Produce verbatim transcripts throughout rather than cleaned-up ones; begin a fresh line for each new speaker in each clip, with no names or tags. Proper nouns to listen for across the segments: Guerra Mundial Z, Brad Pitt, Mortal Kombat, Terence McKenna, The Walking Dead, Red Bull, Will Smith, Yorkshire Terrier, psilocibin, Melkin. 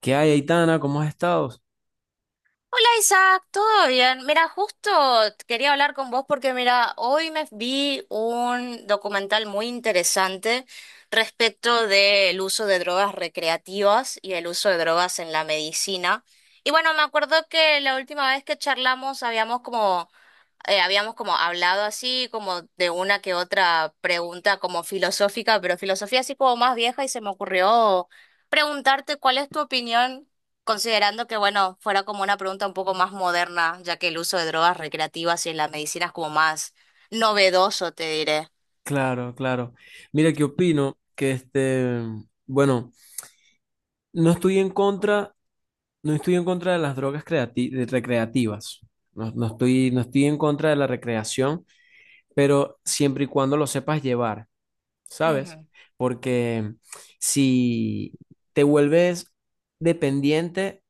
¿Qué hay, Aitana? ¿Cómo has estado?
Hola Isaac, ¿todo bien? Mira, justo quería hablar con vos porque mira, hoy me vi un documental muy interesante respecto del uso de drogas recreativas y el uso de drogas en la medicina. Y bueno, me acuerdo que la última vez que charlamos habíamos como eh, habíamos como hablado así, como de una que otra pregunta como filosófica, pero filosofía así como más vieja y se me ocurrió preguntarte cuál es tu opinión, considerando que, bueno, fuera como una pregunta un poco más moderna, ya que el uso de drogas recreativas y en la medicina es como más novedoso, te diré.
Claro, claro. Mira, ¿qué opino? Que este, bueno, no estoy en contra, no estoy en contra de las drogas creati- de- recreativas. No, no estoy, no estoy en contra de la recreación, pero siempre y cuando lo sepas llevar, ¿sabes? Porque si te vuelves dependiente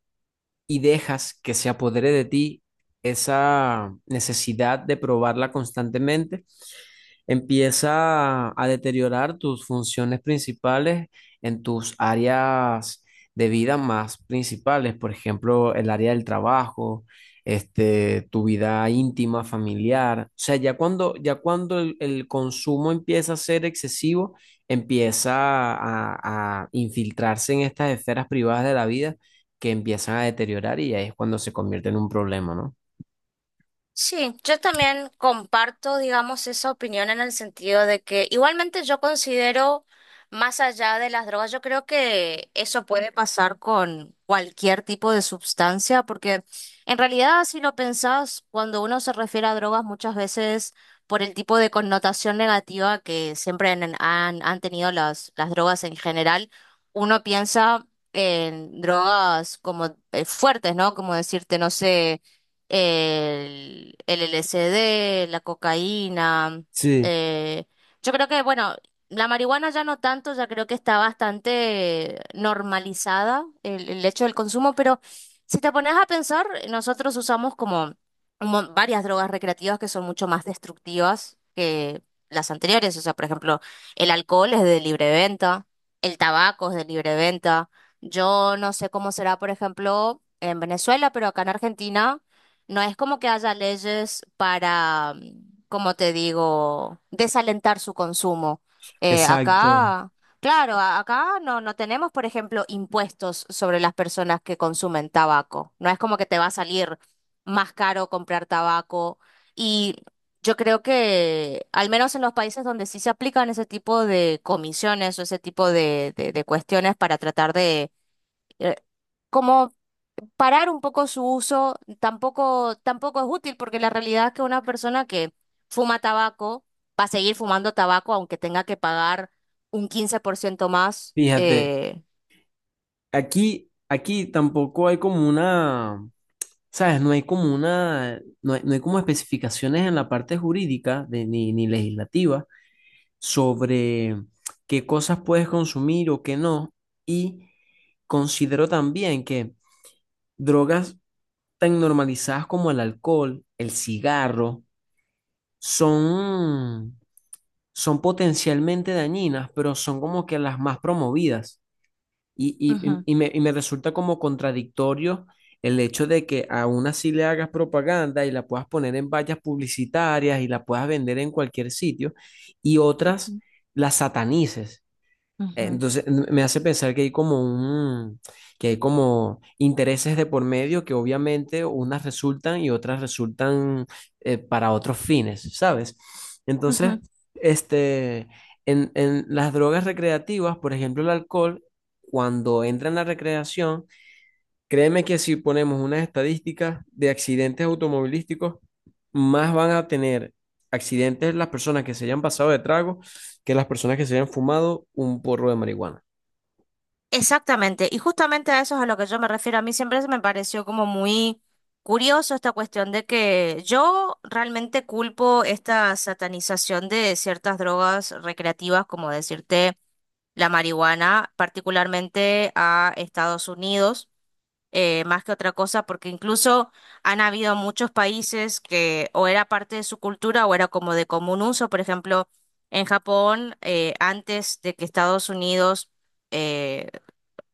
y dejas que se apodere de ti esa necesidad de probarla constantemente, empieza a deteriorar tus funciones principales en tus áreas de vida más principales. Por ejemplo, el área del trabajo, este, tu vida íntima, familiar. O sea, ya cuando, ya cuando el, el consumo empieza a ser excesivo, empieza a, a infiltrarse en estas esferas privadas de la vida que empiezan a deteriorar, y ahí es cuando se convierte en un problema, ¿no?
Sí, yo también comparto, digamos, esa opinión en el sentido de que igualmente yo considero, más allá de las drogas, yo creo que eso puede pasar con cualquier tipo de sustancia, porque en realidad, si lo pensás, cuando uno se refiere a drogas, muchas veces por el tipo de connotación negativa que siempre han, han, han tenido las, las drogas en general, uno piensa en drogas como eh, fuertes, ¿no? Como decirte, no sé el, el L S D, la cocaína.
Sí.
eh, yo creo que, bueno, la marihuana ya no tanto, ya creo que está bastante normalizada el, el hecho del consumo, pero si te pones a pensar, nosotros usamos como un mon- varias drogas recreativas que son mucho más destructivas que las anteriores. O sea, por ejemplo, el alcohol es de libre venta, el tabaco es de libre venta. Yo no sé cómo será, por ejemplo, en Venezuela, pero acá en Argentina no es como que haya leyes para, mm, como te digo, desalentar su consumo. Eh,
Exacto.
acá, claro, a- acá no, no tenemos, por ejemplo, impuestos sobre las personas que consumen tabaco. No es como que te va a salir más caro comprar tabaco. Y yo creo que, al menos en los países donde sí se aplican ese tipo de comisiones o ese tipo de, de de cuestiones para tratar de... eh, como parar un poco su uso tampoco, tampoco es útil porque la realidad es que una persona que fuma tabaco va a seguir fumando tabaco aunque tenga que pagar un quince por ciento más.
Fíjate,
eh,
aquí, aquí tampoco hay como una, ¿sabes? No hay como una, no hay, no hay como especificaciones en la parte jurídica de- ni, ni legislativa sobre qué cosas puedes consumir o qué no. Y considero también que drogas tan normalizadas como el alcohol, el cigarro, son, son potencialmente dañinas, pero son como que las más promovidas. Y, y-
Ujú,
y me, y me resulta como contradictorio el hecho de que aún así le hagas propaganda y la puedas poner en vallas publicitarias y la puedas vender en cualquier sitio y otras las satanices.
ujú,
Entonces n- me hace pensar que hay como un, que hay como intereses de por medio, que obviamente unas resultan y otras resultan, eh, para otros fines, ¿sabes? Entonces,
ujú.
este, en, en las drogas recreativas, por ejemplo, el alcohol, cuando entra en la recreación, créeme que si ponemos unas estadísticas de accidentes automovilísticos, más van a tener accidentes las personas que se hayan pasado de trago que las personas que se hayan fumado un porro de marihuana.
Exactamente, y justamente a eso es a lo que yo me refiero. A mí siempre se me pareció como muy curioso esta cuestión de que yo realmente culpo esta satanización de ciertas drogas recreativas, como decirte. La marihuana, particularmente a Estados Unidos, eh, más que otra cosa, porque incluso han habido muchos países que o era parte de su cultura o era como de común uso. Por ejemplo, en Japón, eh, antes de que Estados Unidos eh,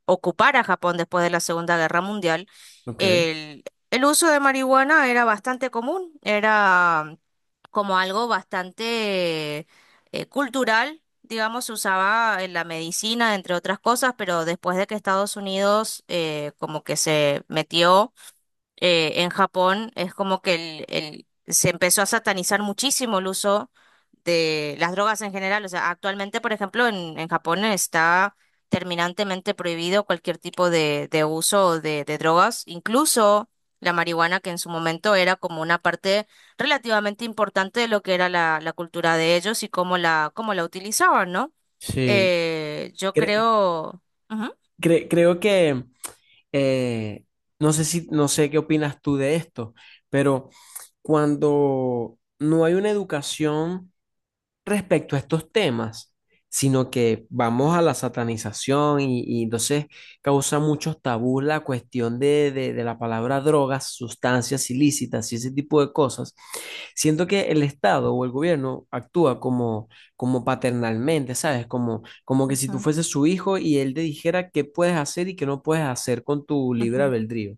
ocupara Japón después de la Segunda Guerra Mundial,
Ok.
el, el uso de marihuana era bastante común, era como algo bastante eh, cultural, digamos, se usaba en la medicina, entre otras cosas, pero después de que Estados Unidos eh, como que se metió eh, en Japón es como que el, el- se empezó a satanizar muchísimo el uso de las drogas en general. O sea, actualmente, por ejemplo, en, en Japón está terminantemente prohibido cualquier tipo de, de uso de, de drogas, incluso la marihuana, que en su momento era como una parte relativamente importante de lo que era la, la cultura de ellos y cómo la, cómo la utilizaban, ¿no?
Sí.
Eh, yo
Cre-
creo... Ujú.
cre- creo que eh, no sé si, no sé qué opinas tú de esto, pero cuando no hay una educación respecto a estos temas, sino que vamos a la satanización, y, y entonces causa muchos tabús la cuestión de, de de la palabra drogas, sustancias ilícitas y ese tipo de cosas. Siento que el Estado o el gobierno actúa como, como paternalmente, ¿sabes? Como, como que si tú
Ujú,
fueses su hijo y él te dijera qué puedes hacer y qué no puedes hacer con tu libre
ujú.
albedrío.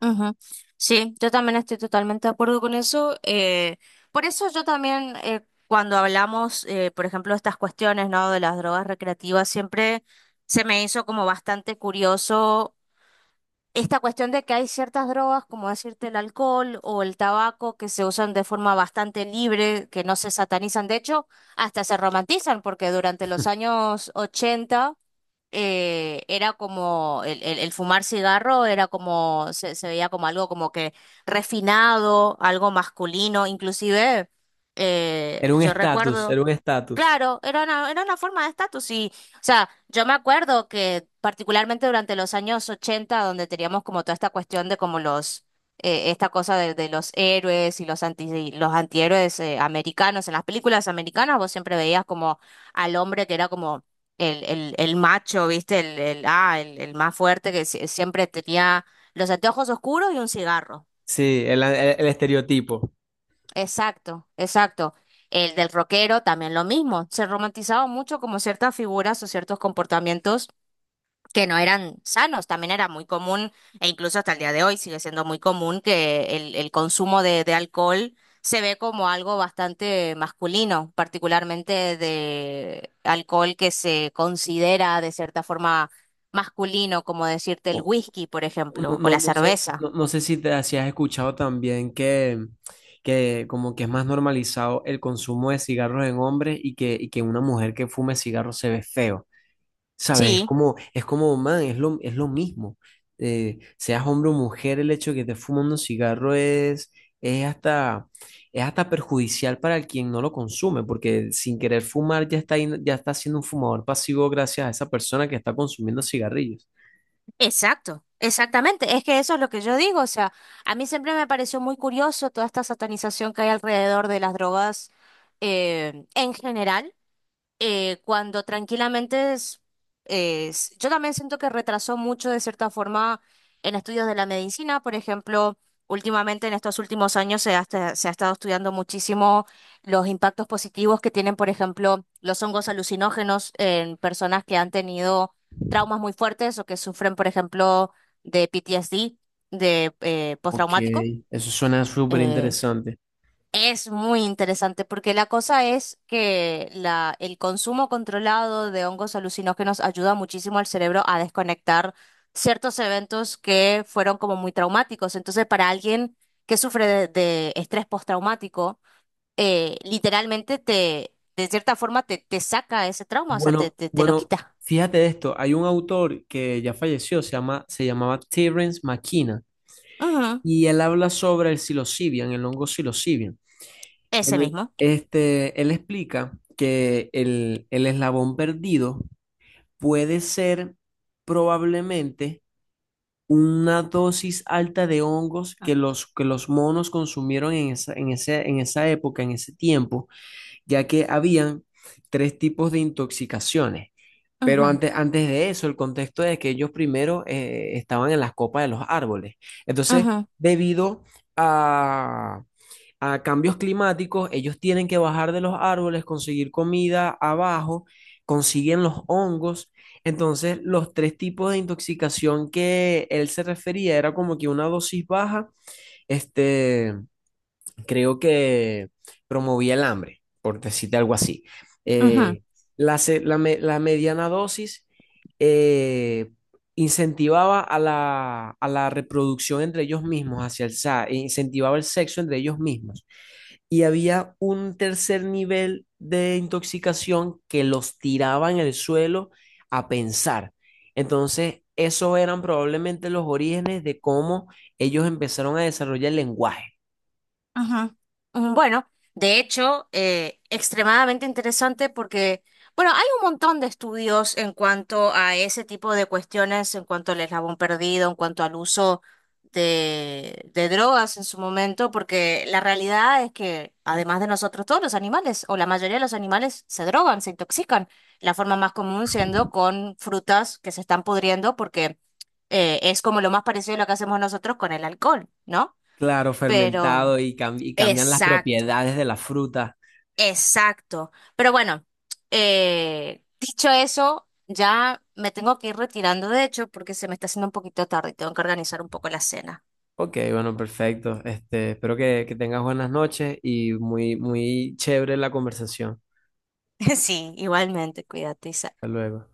Ujú. Sí, yo también estoy totalmente de acuerdo con eso. Eh, por eso yo también, eh, cuando hablamos, eh, por ejemplo, de estas cuestiones, ¿no? De las drogas recreativas, siempre se me hizo como bastante curioso esta cuestión de que hay ciertas drogas, como decirte el alcohol o el tabaco, que se usan de forma bastante libre, que no se satanizan. De hecho, hasta se romantizan, porque durante los años ochenta eh, era como el, el- el fumar cigarro era como, se, se veía como algo como que refinado, algo masculino, inclusive eh,
Era un
yo
estatus, era
recuerdo.
un estatus.
Claro, era una, era una forma de estatus y, o sea, yo me acuerdo que particularmente durante los años ochenta donde teníamos como toda esta cuestión de como los, eh, esta cosa de, de los héroes y los anti, los antihéroes eh, americanos, en las películas americanas vos siempre veías como al hombre que era como el, el, el macho, ¿viste? El, el, ah, el, el más fuerte que sie- siempre tenía los anteojos oscuros y un cigarro.
Sí, el, el- el estereotipo.
Exacto, exacto. El del rockero también lo mismo. Se romantizaba mucho como ciertas figuras o ciertos comportamientos que no eran sanos. También era muy común, e incluso hasta el día de hoy sigue siendo muy común, que el, el consumo de, de alcohol se ve como algo bastante masculino, particularmente de alcohol que se considera de cierta forma masculino, como decirte el
O-
whisky, por
No,
ejemplo, o
no,
la
no sé,
cerveza.
no, no sé si te si has escuchado también que, que como que es más normalizado el consumo de cigarros en hombres, y que, y que una mujer que fume cigarros se ve feo. ¿Sabes? Es
Sí.
como, es como, man, es lo, es lo mismo. Eh, seas hombre o mujer, el hecho de que te fumando un cigarro es, es hasta, es hasta perjudicial para el quien no lo consume, porque sin querer fumar ya está, ahí- ya está siendo un fumador pasivo gracias a esa persona que está consumiendo cigarrillos.
Exacto, exactamente. Es que eso es lo que yo digo. O sea, a mí siempre me pareció muy curioso toda esta satanización que hay alrededor de las drogas eh, en general eh, cuando tranquilamente es, es- yo también siento que retrasó mucho de cierta forma en estudios de la medicina, por ejemplo, últimamente en estos últimos años se ha, esta- se ha estado estudiando muchísimo los impactos positivos que tienen, por ejemplo, los hongos alucinógenos en personas que han tenido traumas muy fuertes o que sufren, por ejemplo, de P T S D, de eh,
Ok,
postraumático.
eso suena súper
eh,
interesante.
es muy interesante porque la cosa es que la, el consumo controlado de hongos alucinógenos ayuda muchísimo al cerebro a desconectar ciertos eventos que fueron como muy traumáticos. Entonces, para alguien que sufre de, de estrés postraumático, eh, literalmente te, de cierta forma te, te saca ese trauma, o sea, te,
Bueno,
te, te lo
bueno,
quita.
fíjate esto, hay un autor que ya falleció, se llama, se llamaba Terence McKenna,
Ujú.
y él habla sobre el psilocibin, el hongo psilocibin.
Ese
Él,
mismo.
este, él explica que el, el eslabón perdido puede ser probablemente una dosis alta de hongos que los, que los monos consumieron en esa, en ese- en esa época, en ese tiempo, ya que habían tres tipos de intoxicaciones. Pero
Ujú,
antes, antes de eso, el contexto es que ellos primero eh, estaban en las copas de los árboles. Entonces,
ujú,
debido a cambios climáticos, ellos tienen que bajar de los árboles, conseguir comida abajo, consiguen los hongos. Entonces, los tres tipos de intoxicación que él se refería era como que una dosis baja, este, creo que promovía el hambre, por decirte algo así.
ujú.
Eh, la, se- la me- la mediana dosis eh, incentivaba a la, a la reproducción entre ellos mismos, hacia el, sa- e incentivaba el sexo entre ellos mismos. Y había un tercer nivel de intoxicación que los tiraba en el suelo a pensar. Entonces, esos eran probablemente los orígenes de cómo ellos empezaron a desarrollar el lenguaje.
Ajá, ajá. Bueno, de hecho, eh, extremadamente interesante porque, bueno, hay un montón de estudios en cuanto a ese tipo de cuestiones, en cuanto al eslabón perdido, en cuanto al uso de, de drogas en su momento, porque la realidad es que, además de nosotros, todos los animales, o la mayoría de los animales, se drogan, se intoxican. La forma más común siendo con frutas que se están pudriendo porque eh, es como lo más parecido a lo que hacemos nosotros con el alcohol, ¿no?
Claro,
Pero...
fermentado y, cam- y cambian las
Exacto,
propiedades de la fruta.
exacto. Pero bueno, eh, dicho eso, ya me tengo que ir retirando, de hecho, porque se me está haciendo un poquito tarde y tengo que organizar un poco la cena.
Ok, bueno, perfecto. Este, espero que, que tengas buenas noches y muy, muy chévere la conversación.
Sí, igualmente, cuídate, Isa.
Hasta luego.